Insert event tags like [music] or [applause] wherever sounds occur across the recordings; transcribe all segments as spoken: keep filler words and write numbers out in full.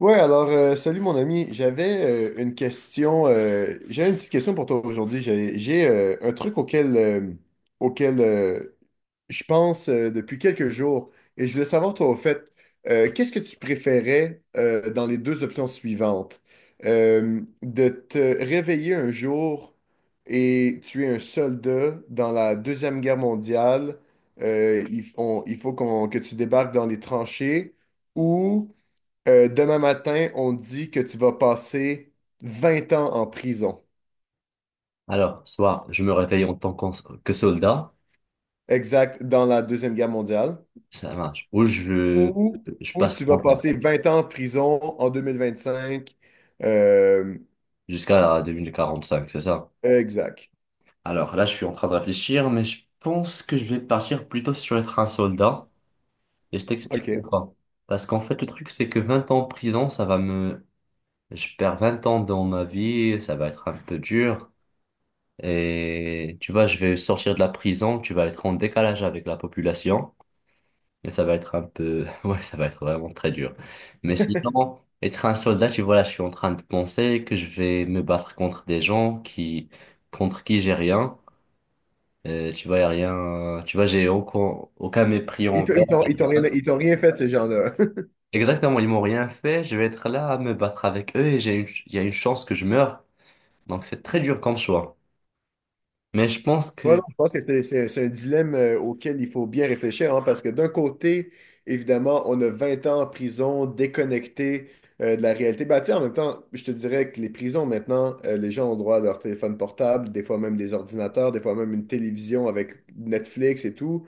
Ouais, alors, euh, salut mon ami. J'avais euh, une question. Euh, j'ai une petite question pour toi aujourd'hui. J'ai, j'ai, euh, un truc auquel, euh, auquel euh, je pense euh, depuis quelques jours. Et je voulais savoir, toi, au fait, euh, qu'est-ce que tu préférais euh, dans les deux options suivantes? Euh, de te réveiller un jour et tu es un soldat dans la Deuxième Guerre mondiale. euh, il, on- il faut qu'on- que tu débarques dans les tranchées ou. Euh, demain matin, on dit que tu vas passer vingt ans en prison, Alors, soit je me réveille en tant qu'en- que soldat, exact, dans la Deuxième Guerre mondiale, ça marche, ou je, ou, je ou passe tu vas trente ans, passer vingt ans en prison en deux mille vingt-cinq, euh, jusqu'à deux mille quarante-cinq, c'est ça. exact. Alors là, je suis en train de réfléchir, mais je pense que je vais partir plutôt sur être un soldat, et je t'explique OK. pourquoi. Parce qu'en fait, le truc, c'est que vingt ans en prison, ça va me... Je perds vingt ans dans ma vie, ça va être un peu dur, et tu vois, je vais sortir de la prison, tu vas être en décalage avec la population. Mais ça va être un peu... [laughs] Ouais, ça va être vraiment très dur. Mais sinon, être un soldat, tu vois, là, je suis en train de penser que je vais me battre contre des gens qui... contre qui j'ai rien. Euh, tu vois, y a rien... Tu vois, j'ai aucun, aucun mépris Ils t'ont envers ils t'ont- et ils tout t'ont rien, ça. Ils t'ont rien fait, ces gens-là. [laughs] Exactement, ils m'ont rien fait. Je vais être là à me battre avec eux et j'ai une... il y a une chance que je meure. Donc, c'est très dur comme choix. Mais je pense Ouais, non, que... je pense que c'est c'est- c'est un dilemme euh, auquel il faut bien réfléchir, hein, parce que d'un côté, évidemment, on a vingt ans en prison, déconnecté euh, de la réalité. Bah, tu sais, en même temps, je te dirais que les prisons, maintenant, euh, les gens ont droit à leur téléphone portable, des fois même des ordinateurs, des fois même une télévision avec Netflix et tout.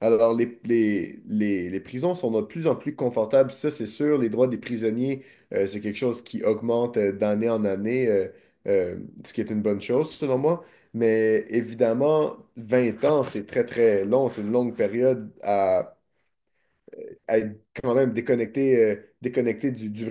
Alors, les, les, les, les prisons sont de plus en plus confortables, ça c'est sûr. Les droits des prisonniers, euh, c'est quelque chose qui augmente euh, d'année en année, euh, euh, ce qui est une bonne chose selon moi. Mais évidemment, vingt ans, c'est très très long, c'est une longue période à, à être quand même déconnecté, euh, déconnecté du, du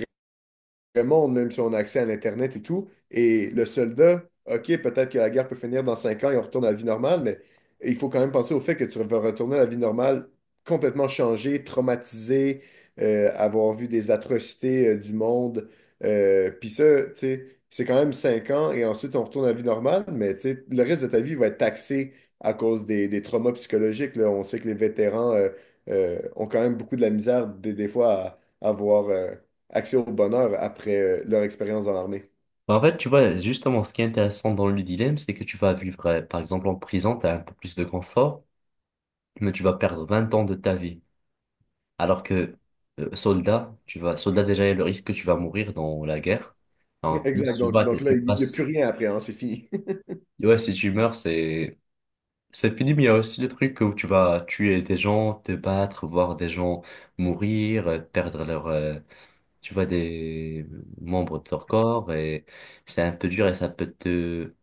le monde, même si on a accès à l'Internet et tout. Et le soldat, OK, peut-être que la guerre peut finir dans cinq ans et on retourne à la vie normale, mais il faut quand même penser au fait que tu vas retourner à la vie normale complètement changé, traumatisé, euh, avoir vu des atrocités euh, du monde. Euh, Puis ça, tu sais, c'est quand même cinq ans et ensuite on retourne à la vie normale, mais tu sais, le reste de ta vie va être taxé à cause des, des traumas psychologiques, là. On sait que les vétérans euh, euh, ont quand même beaucoup de la misère des, des fois à avoir accès au bonheur après euh, leur expérience dans l'armée. En fait, tu vois, justement, ce qui est intéressant dans le dilemme, c'est que tu vas vivre, euh, par exemple, en prison, tu as un peu plus de confort, mais tu vas perdre vingt ans de ta vie. Alors que euh, soldat, tu vas, soldat déjà, il y a le risque que tu vas mourir dans la guerre. [laughs] En plus, Exact. tu Donc, vas, Donc là, tu il n'y a passes. plus rien après, hein, c'est fini. [laughs] Ouais, si tu meurs, c'est c'est fini, mais il y a aussi le truc où tu vas tuer des gens, te battre, voir des gens mourir, euh, perdre leur, euh, tu vois, des membres de leur corps et c'est un peu dur et ça peut te...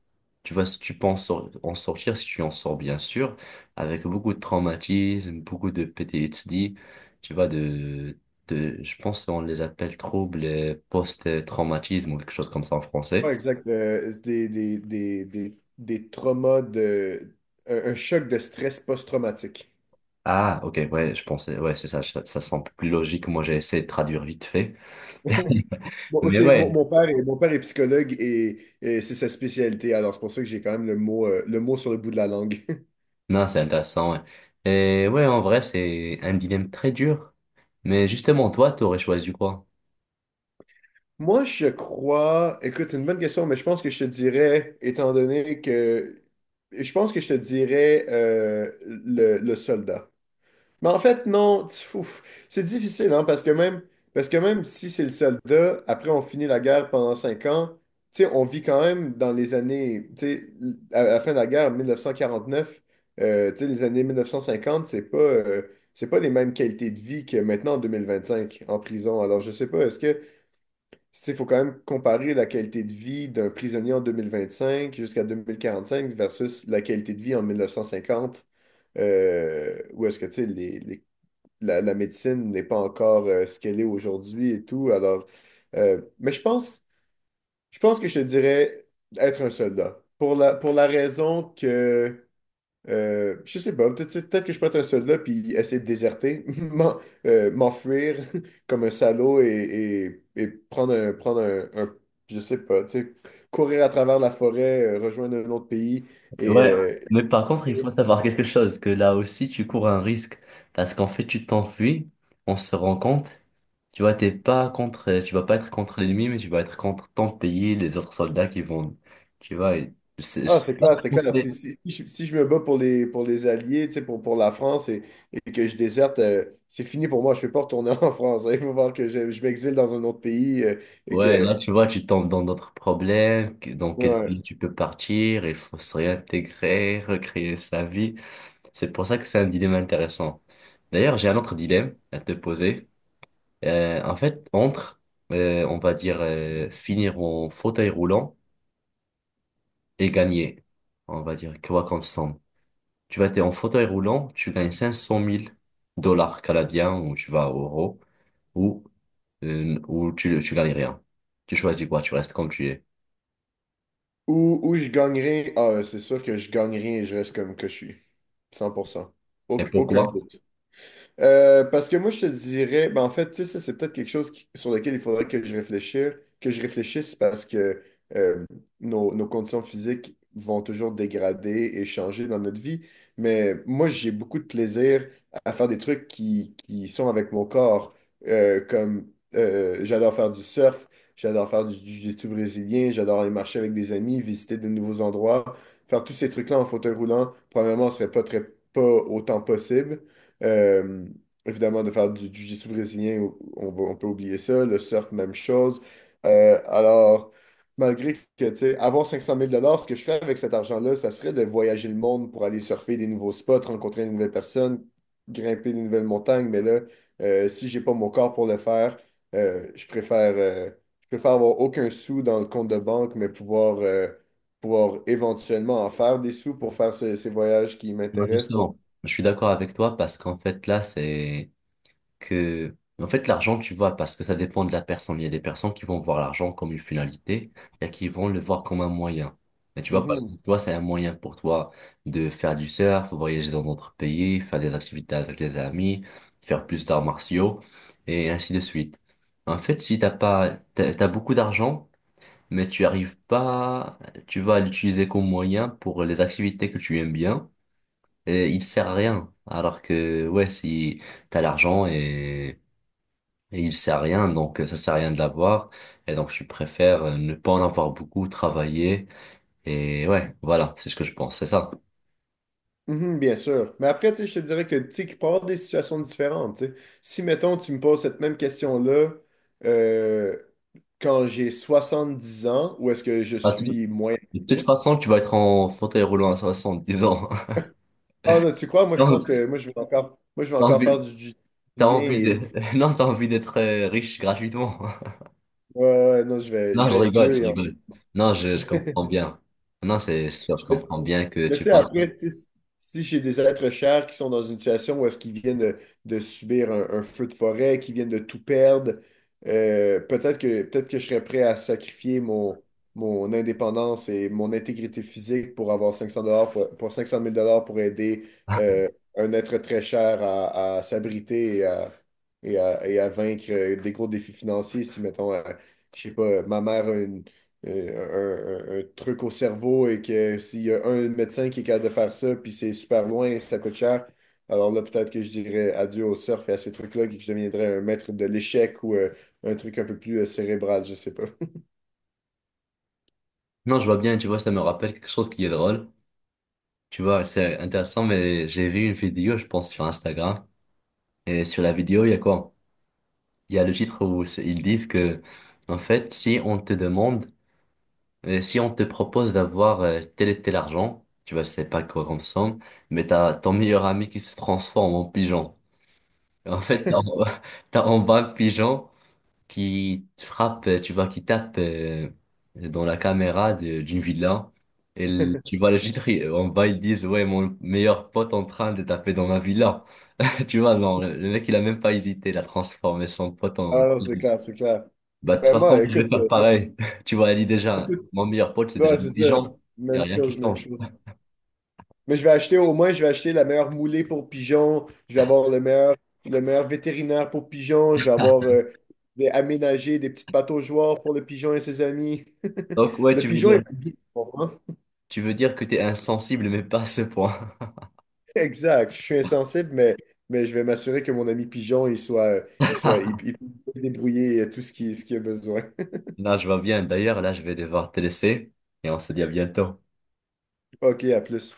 Tu vois, si tu penses en sor- en sortir, si tu en sors bien sûr, avec beaucoup de traumatisme, beaucoup de P T S D, tu vois, de, de, je pense qu'on les appelle troubles euh, post-traumatisme ou quelque chose comme ça en français. Ouais, exact. Euh, c'est des, des, des, des, des traumas de. Un, un choc de stress post-traumatique. Ah, ok, ouais, je pensais, ouais, c'est ça, ça, ça semble plus logique. Moi, j'ai essayé de traduire vite fait. [laughs] Bon, Mais c'est, mon, ouais, mon père est, mon père est psychologue et, et c'est sa spécialité, alors c'est pour ça que j'ai quand même le mot, euh, le mot sur le bout de la langue. non, c'est intéressant, ouais. Et ouais, en vrai, c'est un dilemme très dur. Mais justement, toi, t'aurais choisi quoi? [laughs] Moi, je crois, écoute, c'est une bonne question, mais je pense que je te dirais, étant donné que, je pense que je te dirais euh, le, le soldat. Mais en fait, non, tu- ouf, c'est difficile, hein, parce que même, parce que même si c'est le soldat, après on finit la guerre pendant cinq ans, tu sais, on vit quand même dans les années, tu sais, l- à à la fin de la guerre, mille neuf cent quarante-neuf, euh, tu sais, les années mille neuf cent cinquante, c'est pas, euh, c'est pas les mêmes qualités de vie que maintenant en deux mille vingt-cinq en prison. Alors, je sais pas, est-ce que, tu sais, faut quand même comparer la qualité de vie d'un prisonnier en deux mille vingt-cinq jusqu'à deux mille quarante-cinq versus la qualité de vie en mille neuf cent cinquante. Euh, ou est-ce que tu sais, les, les la, la médecine n'est pas encore euh, ce qu'elle est aujourd'hui et tout. Alors, euh, mais je pense, je pense que je te dirais être un soldat. Pour la, pour la raison que, euh, je sais pas, peut-être peut-être que je peux être un soldat puis essayer de déserter, [laughs] m'en- euh, m'enfuir [laughs] comme un salaud et, et, et prendre un, prendre un, un- je sais pas, tu sais, courir à travers la forêt, euh, rejoindre un autre pays et, Ouais, euh, mais par contre, il faut savoir quelque chose, que là aussi, tu cours un risque. Parce qu'en fait, tu t'enfuis, on se rend compte, tu vois, t'es pas contre, euh, tu vas pas être contre l'ennemi, mais tu vas être contre ton pays, les autres soldats qui vont, tu vois, et c'est- je Ah, sais c'est pas clair, c'est ce qu'on clair. fait. Si, si- si je, si je me bats pour les, pour les Alliés, tu sais, pour, pour la France et, et que je déserte, euh, c'est fini pour moi. Je ne peux pas retourner [laughs] en France. Hein. Il faut voir que je, je m'exile dans un autre pays euh, et Ouais, là, que. tu vois, tu tombes dans d'autres problèmes, que- dans quel Ouais. pays tu peux partir, il faut se réintégrer, recréer sa vie. C'est pour ça que c'est un dilemme intéressant. D'ailleurs, j'ai un autre dilemme à te poser. Euh, en fait, entre, euh, on va dire, euh, finir en fauteuil roulant et gagner, on va dire, quoi comme somme. Tu vas être en fauteuil roulant, tu gagnes cinq cent mille dollars canadiens ou tu vas à euros ou, euh, ou tu, tu gagnes rien. Tu choisis quoi, tu restes comme tu es. Ou, ou je gagnerai. Ah, ouais, c'est sûr que je gagnerai et je reste comme que je suis. Cent pour cent. Et Auc- aucun pourquoi? doute. Euh, parce que moi, je te dirais, ben, en fait, tu sais, ça, c'est peut-être quelque chose qui- sur lequel il faudrait que je réfléchisse, que je réfléchisse parce que euh, nos, nos conditions physiques vont toujours dégrader et changer dans notre vie. Mais moi, j'ai beaucoup de plaisir à faire des trucs qui, qui sont avec mon corps. Euh, comme euh, j'adore faire du surf, j'adore faire du jiu-jitsu brésilien, j'adore aller marcher avec des amis, visiter de nouveaux endroits. Faire tous ces trucs-là en fauteuil roulant, probablement, ne serait pas très, pas autant possible. Euh, Évidemment, de faire du jiu-jitsu brésilien, on, va- on peut oublier ça. Le surf, même chose. Euh, alors, Malgré que, tu sais, avoir cinq cent mille dollars, ce que je ferais avec cet argent-là, ça serait de voyager le monde pour aller surfer des nouveaux spots, rencontrer de nouvelles personnes, grimper de nouvelles montagnes. Mais là, euh, si j'ai pas mon corps pour le faire, euh, je préfère, euh, je préfère avoir aucun sou dans le compte de banque, mais pouvoir, euh, pouvoir éventuellement en faire des sous pour faire ce- ces voyages qui Bah, m'intéressent, pour... justement, je suis d'accord avec toi parce qu'en fait, là, c'est... que, en fait, l'argent, tu vois, parce que ça dépend de la personne. Il y a des personnes qui vont voir l'argent comme une finalité et qui vont le voir comme un moyen. Mais tu vois, par Mhm. exemple, toi, c'est un moyen pour toi de faire du surf, voyager dans d'autres pays, faire des activités avec les amis, faire plus d'arts martiaux et ainsi de suite. En fait, si t'as pas, t'as, t'as beaucoup d'argent, mais tu arrives pas, tu vas l'utiliser comme moyen pour les activités que tu aimes bien et il sert à rien. Alors que, ouais, si, t'as l'argent et et il sait à rien, donc euh, ça sert à rien de l'avoir. Et donc je préfère euh, ne pas en avoir beaucoup, travailler. Et ouais, voilà, c'est ce que je pense, c'est ça. Mhm, bien sûr. Mais après, tu sais, je te dirais que, tu sais, qu'il peut y avoir des situations différentes. Tu sais. Si, mettons, tu me poses cette même question-là euh, quand j'ai soixante dix ans, ou est-ce que je Ah, tout- suis moins De toute actif? façon, tu vas être en fauteuil roulant à soixante dix ans. [laughs] Ah non, tu crois? Moi, je T'as pense que moi, je vais encore, moi, je vais t'as encore envie, faire du jiu-jitsu t'as envie de, et [laughs] non, t'as envie d'être euh, riche gratuitement. [laughs] ouais, ouais, non, je vais, Non, je je vais être rigole, vieux je et en- rigole. Non, je, je comprends [laughs] bien. Non, c'est sûr, je comprends bien que Mais tu tu sais, passes. après, tu sais, si j'ai des êtres chers qui sont dans une situation où est-ce qu'ils viennent de, de subir un, un feu de forêt, qui viennent de tout perdre, euh, peut-être que, peut-être que je serais prêt à sacrifier mon, mon indépendance et mon intégrité physique pour avoir cinq cents dollars pour, pour cinq cent mille dollars pour aider [laughs] euh, un être très cher à, à s'abriter et à, et à- et à vaincre euh, des gros défis financiers. Si, mettons, euh, je sais pas, ma mère a une euh, un, un- un truc au cerveau et que s'il y a un médecin qui est capable de faire ça, puis c'est super loin, ça coûte cher, alors là, peut-être que je dirais adieu au surf et à ces trucs-là, et que je deviendrais un maître de l'échec ou euh, un truc un peu plus euh, cérébral, je sais pas. [laughs] Non, je vois bien, tu vois, ça me rappelle quelque chose qui est drôle. Tu vois, c'est intéressant, mais j'ai vu une vidéo, je pense, sur Instagram. Et sur la vidéo, il y a quoi? Il y a le titre où c'est- ils disent que, en fait, si on te demande, euh, si on te propose d'avoir euh, tel et tel argent, tu vois, je sais pas quoi comme somme, mais t'as ton meilleur ami qui se transforme en pigeon. Et en fait, t'as en [laughs] t'as en bas un pigeon qui te frappe, euh, tu vois, qui tape euh, dans la caméra de- d'une villa. Et le- tu vois le [laughs] titre, il- en bas, ils disent, ouais, mon meilleur pote en train de taper dans ma villa. [laughs] Tu vois, non, le le mec, il a même pas hésité, il a transformé son pote en... Ah, c'est clair, c'est clair. Bah, de toute Ben façon, moi, je écoute, vais faire euh, moi, pareil. [laughs] Tu vois, elle dit déjà, tout- mon meilleur pote, c'est déjà Ouais, c'est ça. intelligent. Il n'y a Même rien qui chose, même change. chose. Mais je vais acheter au moins, je vais acheter la meilleure moulée pour pigeons, je vais avoir le meilleur, le meilleur vétérinaire pour pigeons, je vais avoir euh, je vais aménager des petites pataugeoires pour le pigeon et ses amis. Donc, [laughs] ouais, Le tu veux pigeon dire, est ma guide, tu comprends? tu veux dire que tu es insensible, mais pas à ce point. [laughs] Exact. Je suis insensible, mais, mais je vais m'assurer que mon ami pigeon, il soit, euh, il soit, il, [laughs] il peut se débrouiller euh, tout ce qui, ce qu'il a besoin. Là, je vois bien. D'ailleurs, là, je vais devoir te laisser et on se dit à bientôt. [laughs] OK, à plus.